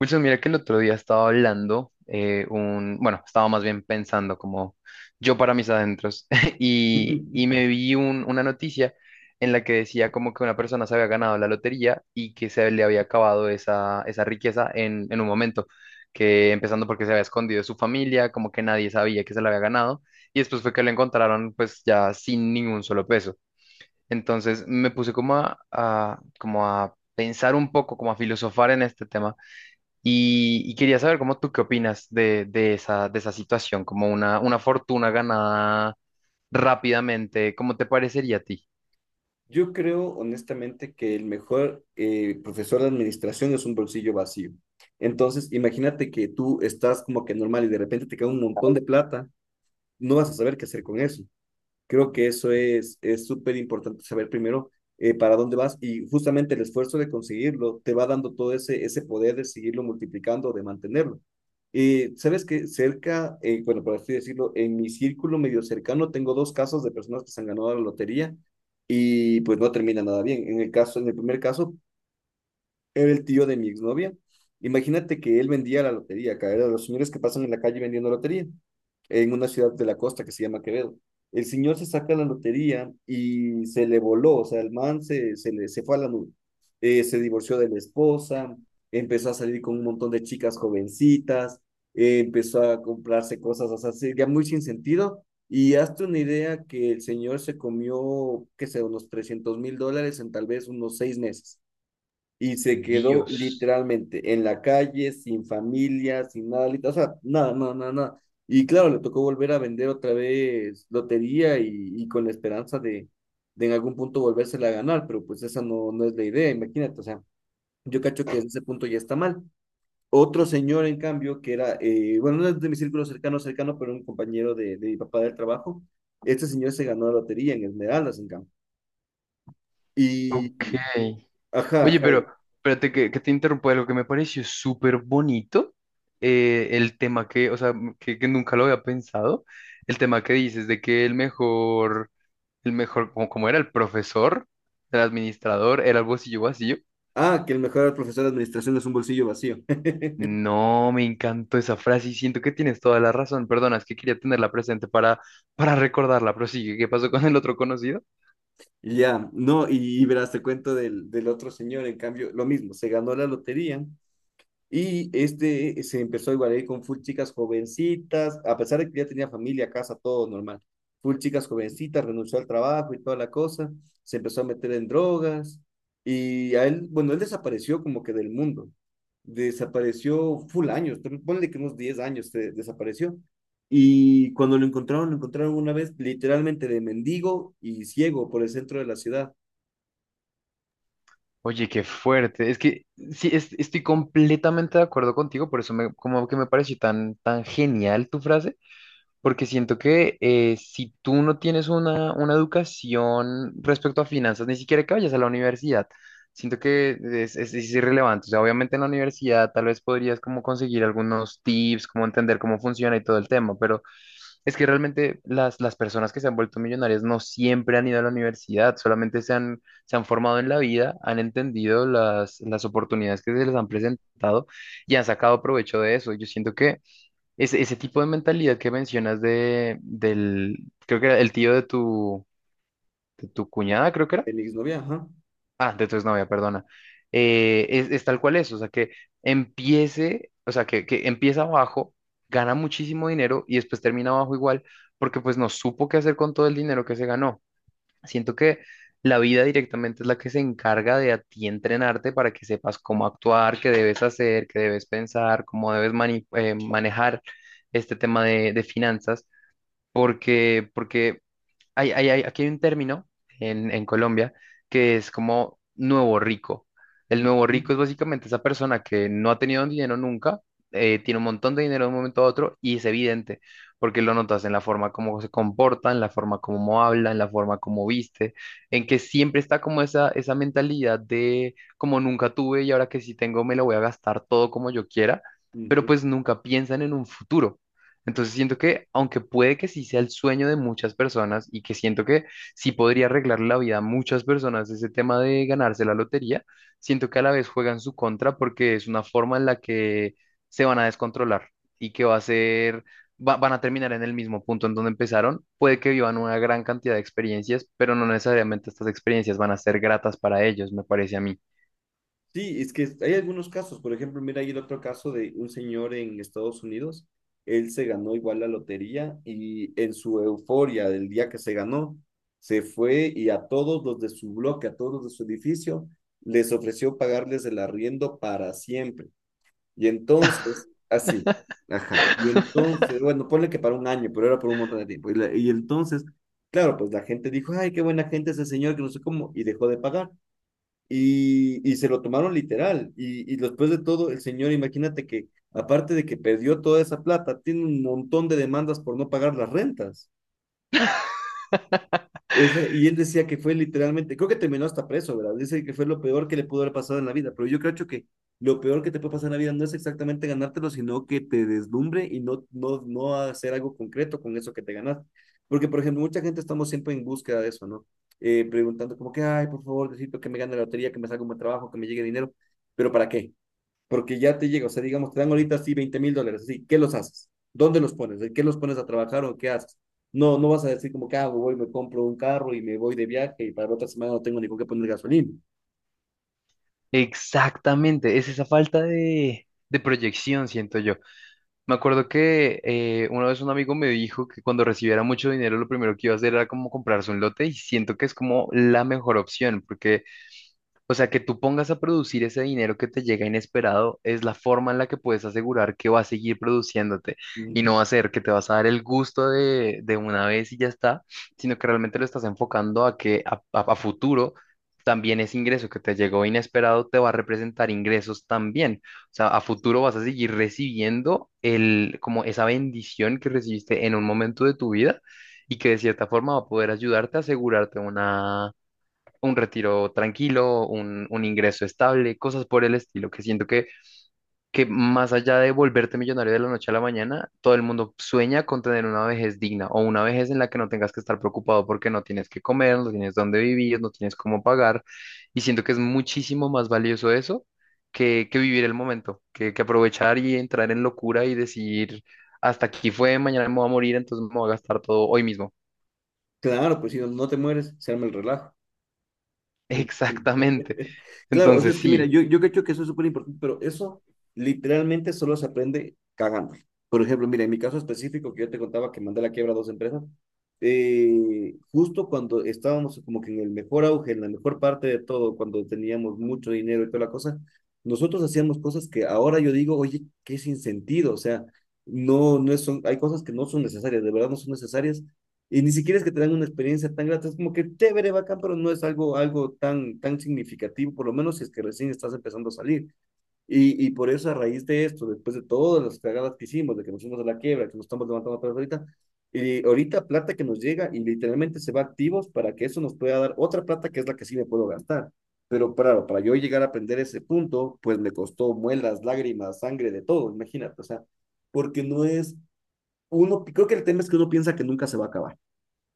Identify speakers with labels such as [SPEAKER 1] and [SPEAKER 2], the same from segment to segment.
[SPEAKER 1] Wilson, mira que el otro día estaba hablando, un, bueno, estaba más bien pensando como yo para mis adentros y me vi una noticia en la que decía como que una persona se había ganado la lotería y que se le había acabado esa riqueza en un momento, que empezando porque se había escondido de su familia, como que nadie sabía que se la había ganado y después fue que lo encontraron pues ya sin ningún solo peso. Entonces me puse como como a pensar un poco, como a filosofar en este tema y quería saber cómo tú qué opinas de de esa situación, como una fortuna ganada rápidamente, ¿cómo te parecería a ti?
[SPEAKER 2] Yo creo honestamente que el mejor profesor de administración es un bolsillo vacío. Entonces, imagínate que tú estás como que normal y de repente te cae un montón de plata, no vas a saber qué hacer con eso. Creo que eso es súper importante saber primero para dónde vas y justamente el esfuerzo de conseguirlo te va dando todo ese poder de seguirlo multiplicando, de mantenerlo. Y sabes que cerca, bueno, por así decirlo, en mi círculo medio cercano tengo dos casos de personas que se han ganado la lotería y pues no termina nada bien. En el primer caso, era el tío de mi exnovia. Imagínate que él vendía la lotería, acá era de los señores que pasan en la calle vendiendo lotería, en una ciudad de la costa que se llama Quevedo. El señor se saca la lotería y se le voló, o sea, el man se fue a la nube. Se divorció de la esposa, empezó a salir con un montón de chicas jovencitas, empezó a comprarse cosas, o sea, ya muy sin sentido. Y hazte una idea que el señor se comió, qué sé, unos 300.000 dólares en tal vez unos 6 meses y se quedó
[SPEAKER 1] Dios.
[SPEAKER 2] literalmente en la calle, sin familia, sin nada, o sea, nada, nada, nada, nada. Y claro, le tocó volver a vender otra vez lotería y con la esperanza de en algún punto volvérsela a ganar, pero pues esa no es la idea, imagínate, o sea, yo cacho que desde ese punto ya está mal. Otro señor, en cambio, que era, bueno, no es de mi círculo cercano, cercano, pero un compañero de mi papá del trabajo, este señor se ganó la lotería en Esmeraldas, en cambio. Y,
[SPEAKER 1] Ok.
[SPEAKER 2] ajá,
[SPEAKER 1] Oye,
[SPEAKER 2] ajá.
[SPEAKER 1] pero espérate que te interrumpa algo que me pareció súper bonito, el tema que, o sea, que nunca lo había pensado, el tema que dices de que el mejor, como, como era el profesor, el administrador, era el bolsillo vacío.
[SPEAKER 2] Ah, que el mejor profesor de administración es un bolsillo vacío.
[SPEAKER 1] No, me encantó esa frase y siento que tienes toda la razón. Perdona, es que quería tenerla presente para recordarla, pero sí, ¿qué pasó con el otro conocido?
[SPEAKER 2] Y ya, no, y verás, te cuento del otro señor, en cambio, lo mismo, se ganó la lotería. Y este se empezó igual a ir con full chicas jovencitas, a pesar de que ya tenía familia, casa, todo normal. Full chicas jovencitas, renunció al trabajo y toda la cosa, se empezó a meter en drogas y a él, bueno, él desapareció como que del mundo. Desapareció full años, pero ponle que unos 10 años se desapareció. Y cuando lo encontraron una vez literalmente de mendigo y ciego por el centro de la ciudad.
[SPEAKER 1] Oye, qué fuerte. Es que sí, estoy completamente de acuerdo contigo, por eso me, como que me pareció tan, tan genial tu frase, porque siento que si tú no tienes una educación respecto a finanzas, ni siquiera que vayas a la universidad, siento que es irrelevante. O sea, obviamente en la universidad tal vez podrías como conseguir algunos tips, como entender cómo funciona y todo el tema, pero es que realmente las personas que se han vuelto millonarias no siempre han ido a la universidad, solamente se han formado en la vida, han entendido las oportunidades que se les han presentado y han sacado provecho de eso. Yo siento que... Ese tipo de mentalidad que mencionas creo que era el tío de tu cuñada, creo que era.
[SPEAKER 2] El exnovia, ajá.
[SPEAKER 1] Ah, de tu exnovia, perdona. Es tal cual es, o sea, que empiece, o sea, que empieza abajo, gana muchísimo dinero y después termina abajo igual, porque pues no supo qué hacer con todo el dinero que se ganó. Siento que la vida directamente es la que se encarga de a ti entrenarte para que sepas cómo actuar, qué debes hacer, qué debes pensar, cómo debes manejar este tema de finanzas porque, porque aquí hay un término en Colombia que es como nuevo rico. El
[SPEAKER 2] Ujú,
[SPEAKER 1] nuevo rico es básicamente esa persona que no ha tenido dinero nunca, tiene un montón de dinero de un momento a otro y es evidente, porque lo notas en la forma como se comporta, en la forma como habla, en la forma como viste, en que siempre está como esa mentalidad de como nunca tuve y ahora que sí tengo me lo voy a gastar todo como yo quiera, pero
[SPEAKER 2] ujú.
[SPEAKER 1] pues nunca piensan en un futuro. Entonces siento que, aunque puede que sí sea el sueño de muchas personas y que siento que sí podría arreglar la vida a muchas personas ese tema de ganarse la lotería, siento que a la vez juegan su contra porque es una forma en la que se van a descontrolar y que va a ser, van a terminar en el mismo punto en donde empezaron. Puede que vivan una gran cantidad de experiencias, pero no necesariamente estas experiencias van a ser gratas para ellos, me parece a mí.
[SPEAKER 2] Sí, es que hay algunos casos. Por ejemplo, mira, hay el otro caso de un señor en Estados Unidos. Él se ganó igual la lotería y en su euforia del día que se ganó, se fue y a todos los de su bloque, a todos los de su edificio, les ofreció pagarles el arriendo para siempre. Y entonces, así, ajá. Y entonces, bueno, ponle que para un año, pero era por un montón de tiempo. Y entonces, claro, pues la gente dijo, ay, qué buena gente ese señor, que no sé cómo, y dejó de pagar y se lo tomaron literal. Y después de todo, el señor, imagínate que aparte de que perdió toda esa plata, tiene un montón de demandas por no pagar las rentas. O Y él decía que fue literalmente, creo que terminó hasta preso, ¿verdad? Dice que fue lo peor que le pudo haber pasado en la vida, pero yo creo, Cho, que lo peor que te puede pasar en la vida no es exactamente ganártelo, sino que te deslumbre y no, no, no hacer algo concreto con eso que te ganaste. Porque, por ejemplo, mucha gente estamos siempre en búsqueda de eso, ¿no? Preguntando como que, ay, por favor, necesito que me gane la lotería, que me salga un buen trabajo, que me llegue dinero, pero ¿para qué? Porque ya te llega, o sea, digamos, te dan ahorita sí 20.000 dólares, así, ¿qué los haces? ¿Dónde los pones? ¿En qué los pones a trabajar o qué haces? No, no vas a decir como que hago, voy, me compro un carro y me voy de viaje y para la otra semana no tengo ni con qué poner gasolina.
[SPEAKER 1] Exactamente, es esa falta de proyección, siento yo. Me acuerdo que una vez un amigo me dijo que cuando recibiera mucho dinero lo primero que iba a hacer era como comprarse un lote y siento que es como la mejor opción porque o sea, que tú pongas a producir ese dinero que te llega inesperado es la forma en la que puedes asegurar que va a seguir produciéndote y
[SPEAKER 2] Ujú.
[SPEAKER 1] no va a ser que te vas a dar el gusto de una vez y ya está, sino que realmente lo estás enfocando a que a futuro también ese ingreso que te llegó inesperado te va a representar ingresos también. O sea, a futuro vas a seguir recibiendo el, como esa bendición que recibiste en un momento de tu vida y que de cierta forma va a poder ayudarte a asegurarte un retiro tranquilo, un ingreso estable, cosas por el estilo, que siento que más allá de volverte millonario de la noche a la mañana, todo el mundo sueña con tener una vejez digna o una vejez en la que no tengas que estar preocupado porque no tienes que comer, no tienes dónde vivir, no tienes cómo pagar, y siento que es muchísimo más valioso eso que vivir el momento, que aprovechar y entrar en locura y decir, hasta aquí fue, mañana me voy a morir, entonces me voy a gastar todo hoy mismo.
[SPEAKER 2] Claro, pues si no, no te mueres, se arma el relajo.
[SPEAKER 1] Exactamente.
[SPEAKER 2] Claro, o sea,
[SPEAKER 1] Entonces
[SPEAKER 2] es que mira,
[SPEAKER 1] sí,
[SPEAKER 2] yo creo que eso es súper importante, pero eso literalmente solo se aprende cagando. Por ejemplo, mira, en mi caso específico que yo te contaba que mandé a la quiebra a dos empresas, justo cuando estábamos como que en el mejor auge, en la mejor parte de todo, cuando teníamos mucho dinero y toda la cosa, nosotros hacíamos cosas que ahora yo digo, oye, qué sin sentido, o sea, no, no son, hay cosas que no son necesarias, de verdad no son necesarias, y ni siquiera es que te dan una experiencia tan grata, es como que chévere, bacán, pero no es algo, tan, tan significativo, por lo menos si es que recién estás empezando a salir. Y por eso, a raíz de esto, después de todas las cagadas que hicimos, de que nos fuimos a la quiebra, que nos estamos levantando atrás ahorita, y ahorita plata que nos llega y literalmente se va a activos para que eso nos pueda dar otra plata que es la que sí me puedo gastar. Pero claro, para yo llegar a aprender ese punto, pues me costó muelas, lágrimas, sangre, de todo, imagínate, o sea, porque no es, uno, creo que el tema es que uno piensa que nunca se va a acabar.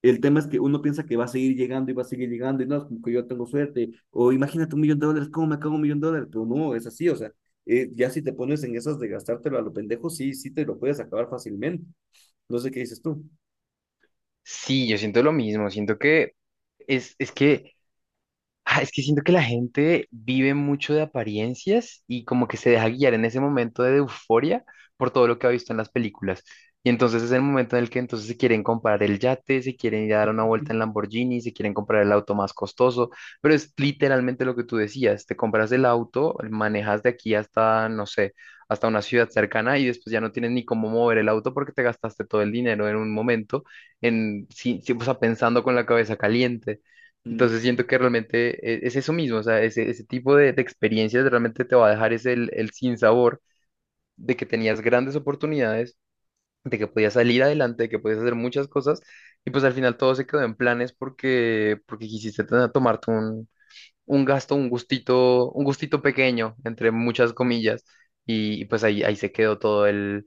[SPEAKER 2] El tema es que uno piensa que va a seguir llegando y va a seguir llegando y no, es como que yo tengo suerte, o imagínate 1 millón de dólares, ¿cómo me acabo 1 millón de dólares? Pero no, es así, o sea, ya si te pones en esas de gastártelo a lo pendejo, sí, sí te lo puedes acabar fácilmente. No sé qué dices tú.
[SPEAKER 1] sí, yo siento lo mismo, siento que es que... Ah, es que siento que la gente vive mucho de apariencias y como que se deja guiar en ese momento de euforia por todo lo que ha visto en las películas. Y entonces es el momento en el que entonces se quieren comprar el yate, se quieren ir a dar una vuelta en Lamborghini, se quieren comprar el auto más costoso, pero es literalmente lo que tú decías, te compras el auto, manejas de aquí hasta, no sé, hasta una ciudad cercana y después ya no tienes ni cómo mover el auto porque te gastaste todo el dinero en un momento, en, sí, sí, o sea, pensando con la cabeza caliente.
[SPEAKER 2] Mm.
[SPEAKER 1] Entonces siento que realmente es eso mismo, o sea, ese tipo de experiencias realmente te va a dejar ese, el sinsabor de que tenías grandes oportunidades, de que podías salir adelante, de que podías hacer muchas cosas, y pues al final todo se quedó en planes porque, porque quisiste tomarte un gasto, un gustito pequeño, entre muchas comillas, y pues ahí, ahí se quedó todo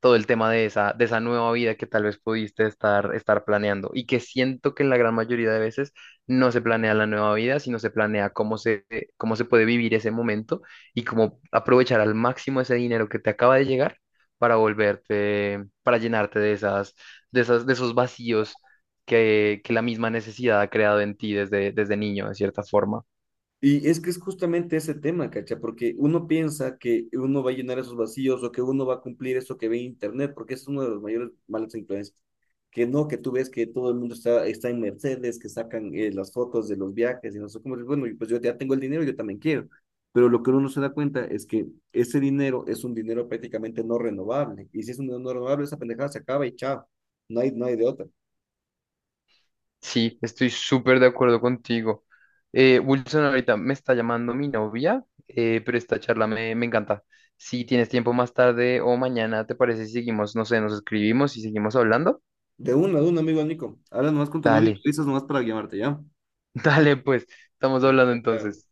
[SPEAKER 1] todo el tema de esa nueva vida que tal vez pudiste estar, estar planeando y que siento que en la gran mayoría de veces no se planea la nueva vida, sino se planea cómo se puede vivir ese momento y cómo aprovechar al máximo ese dinero que te acaba de llegar para volverte, para llenarte de esas, de esos vacíos que la misma necesidad ha creado en ti desde, desde niño, de cierta forma.
[SPEAKER 2] Y es que es justamente ese tema, ¿cacha? Porque uno piensa que uno va a llenar esos vacíos o que uno va a cumplir eso que ve en Internet, porque es uno de los mayores malas influencias. Que no, que tú ves que todo el mundo está en Mercedes, que sacan las fotos de los viajes y no sé cómo. Y bueno, pues yo ya tengo el dinero, yo también quiero. Pero lo que uno no se da cuenta es que ese dinero es un dinero prácticamente no renovable. Y si es un dinero no renovable, esa pendejada se acaba y chao. No hay de otra.
[SPEAKER 1] Sí, estoy súper de acuerdo contigo. Wilson, ahorita me está llamando mi novia, pero esta charla me encanta. Si tienes tiempo más tarde o mañana, ¿te parece si seguimos, no sé, nos escribimos y seguimos hablando?
[SPEAKER 2] De una, de un amigo, Nico. Habla nomás con tu novio y
[SPEAKER 1] Dale,
[SPEAKER 2] dices nomás para llamarte, ¿ya?
[SPEAKER 1] dale, pues, estamos hablando
[SPEAKER 2] Ok, chao.
[SPEAKER 1] entonces.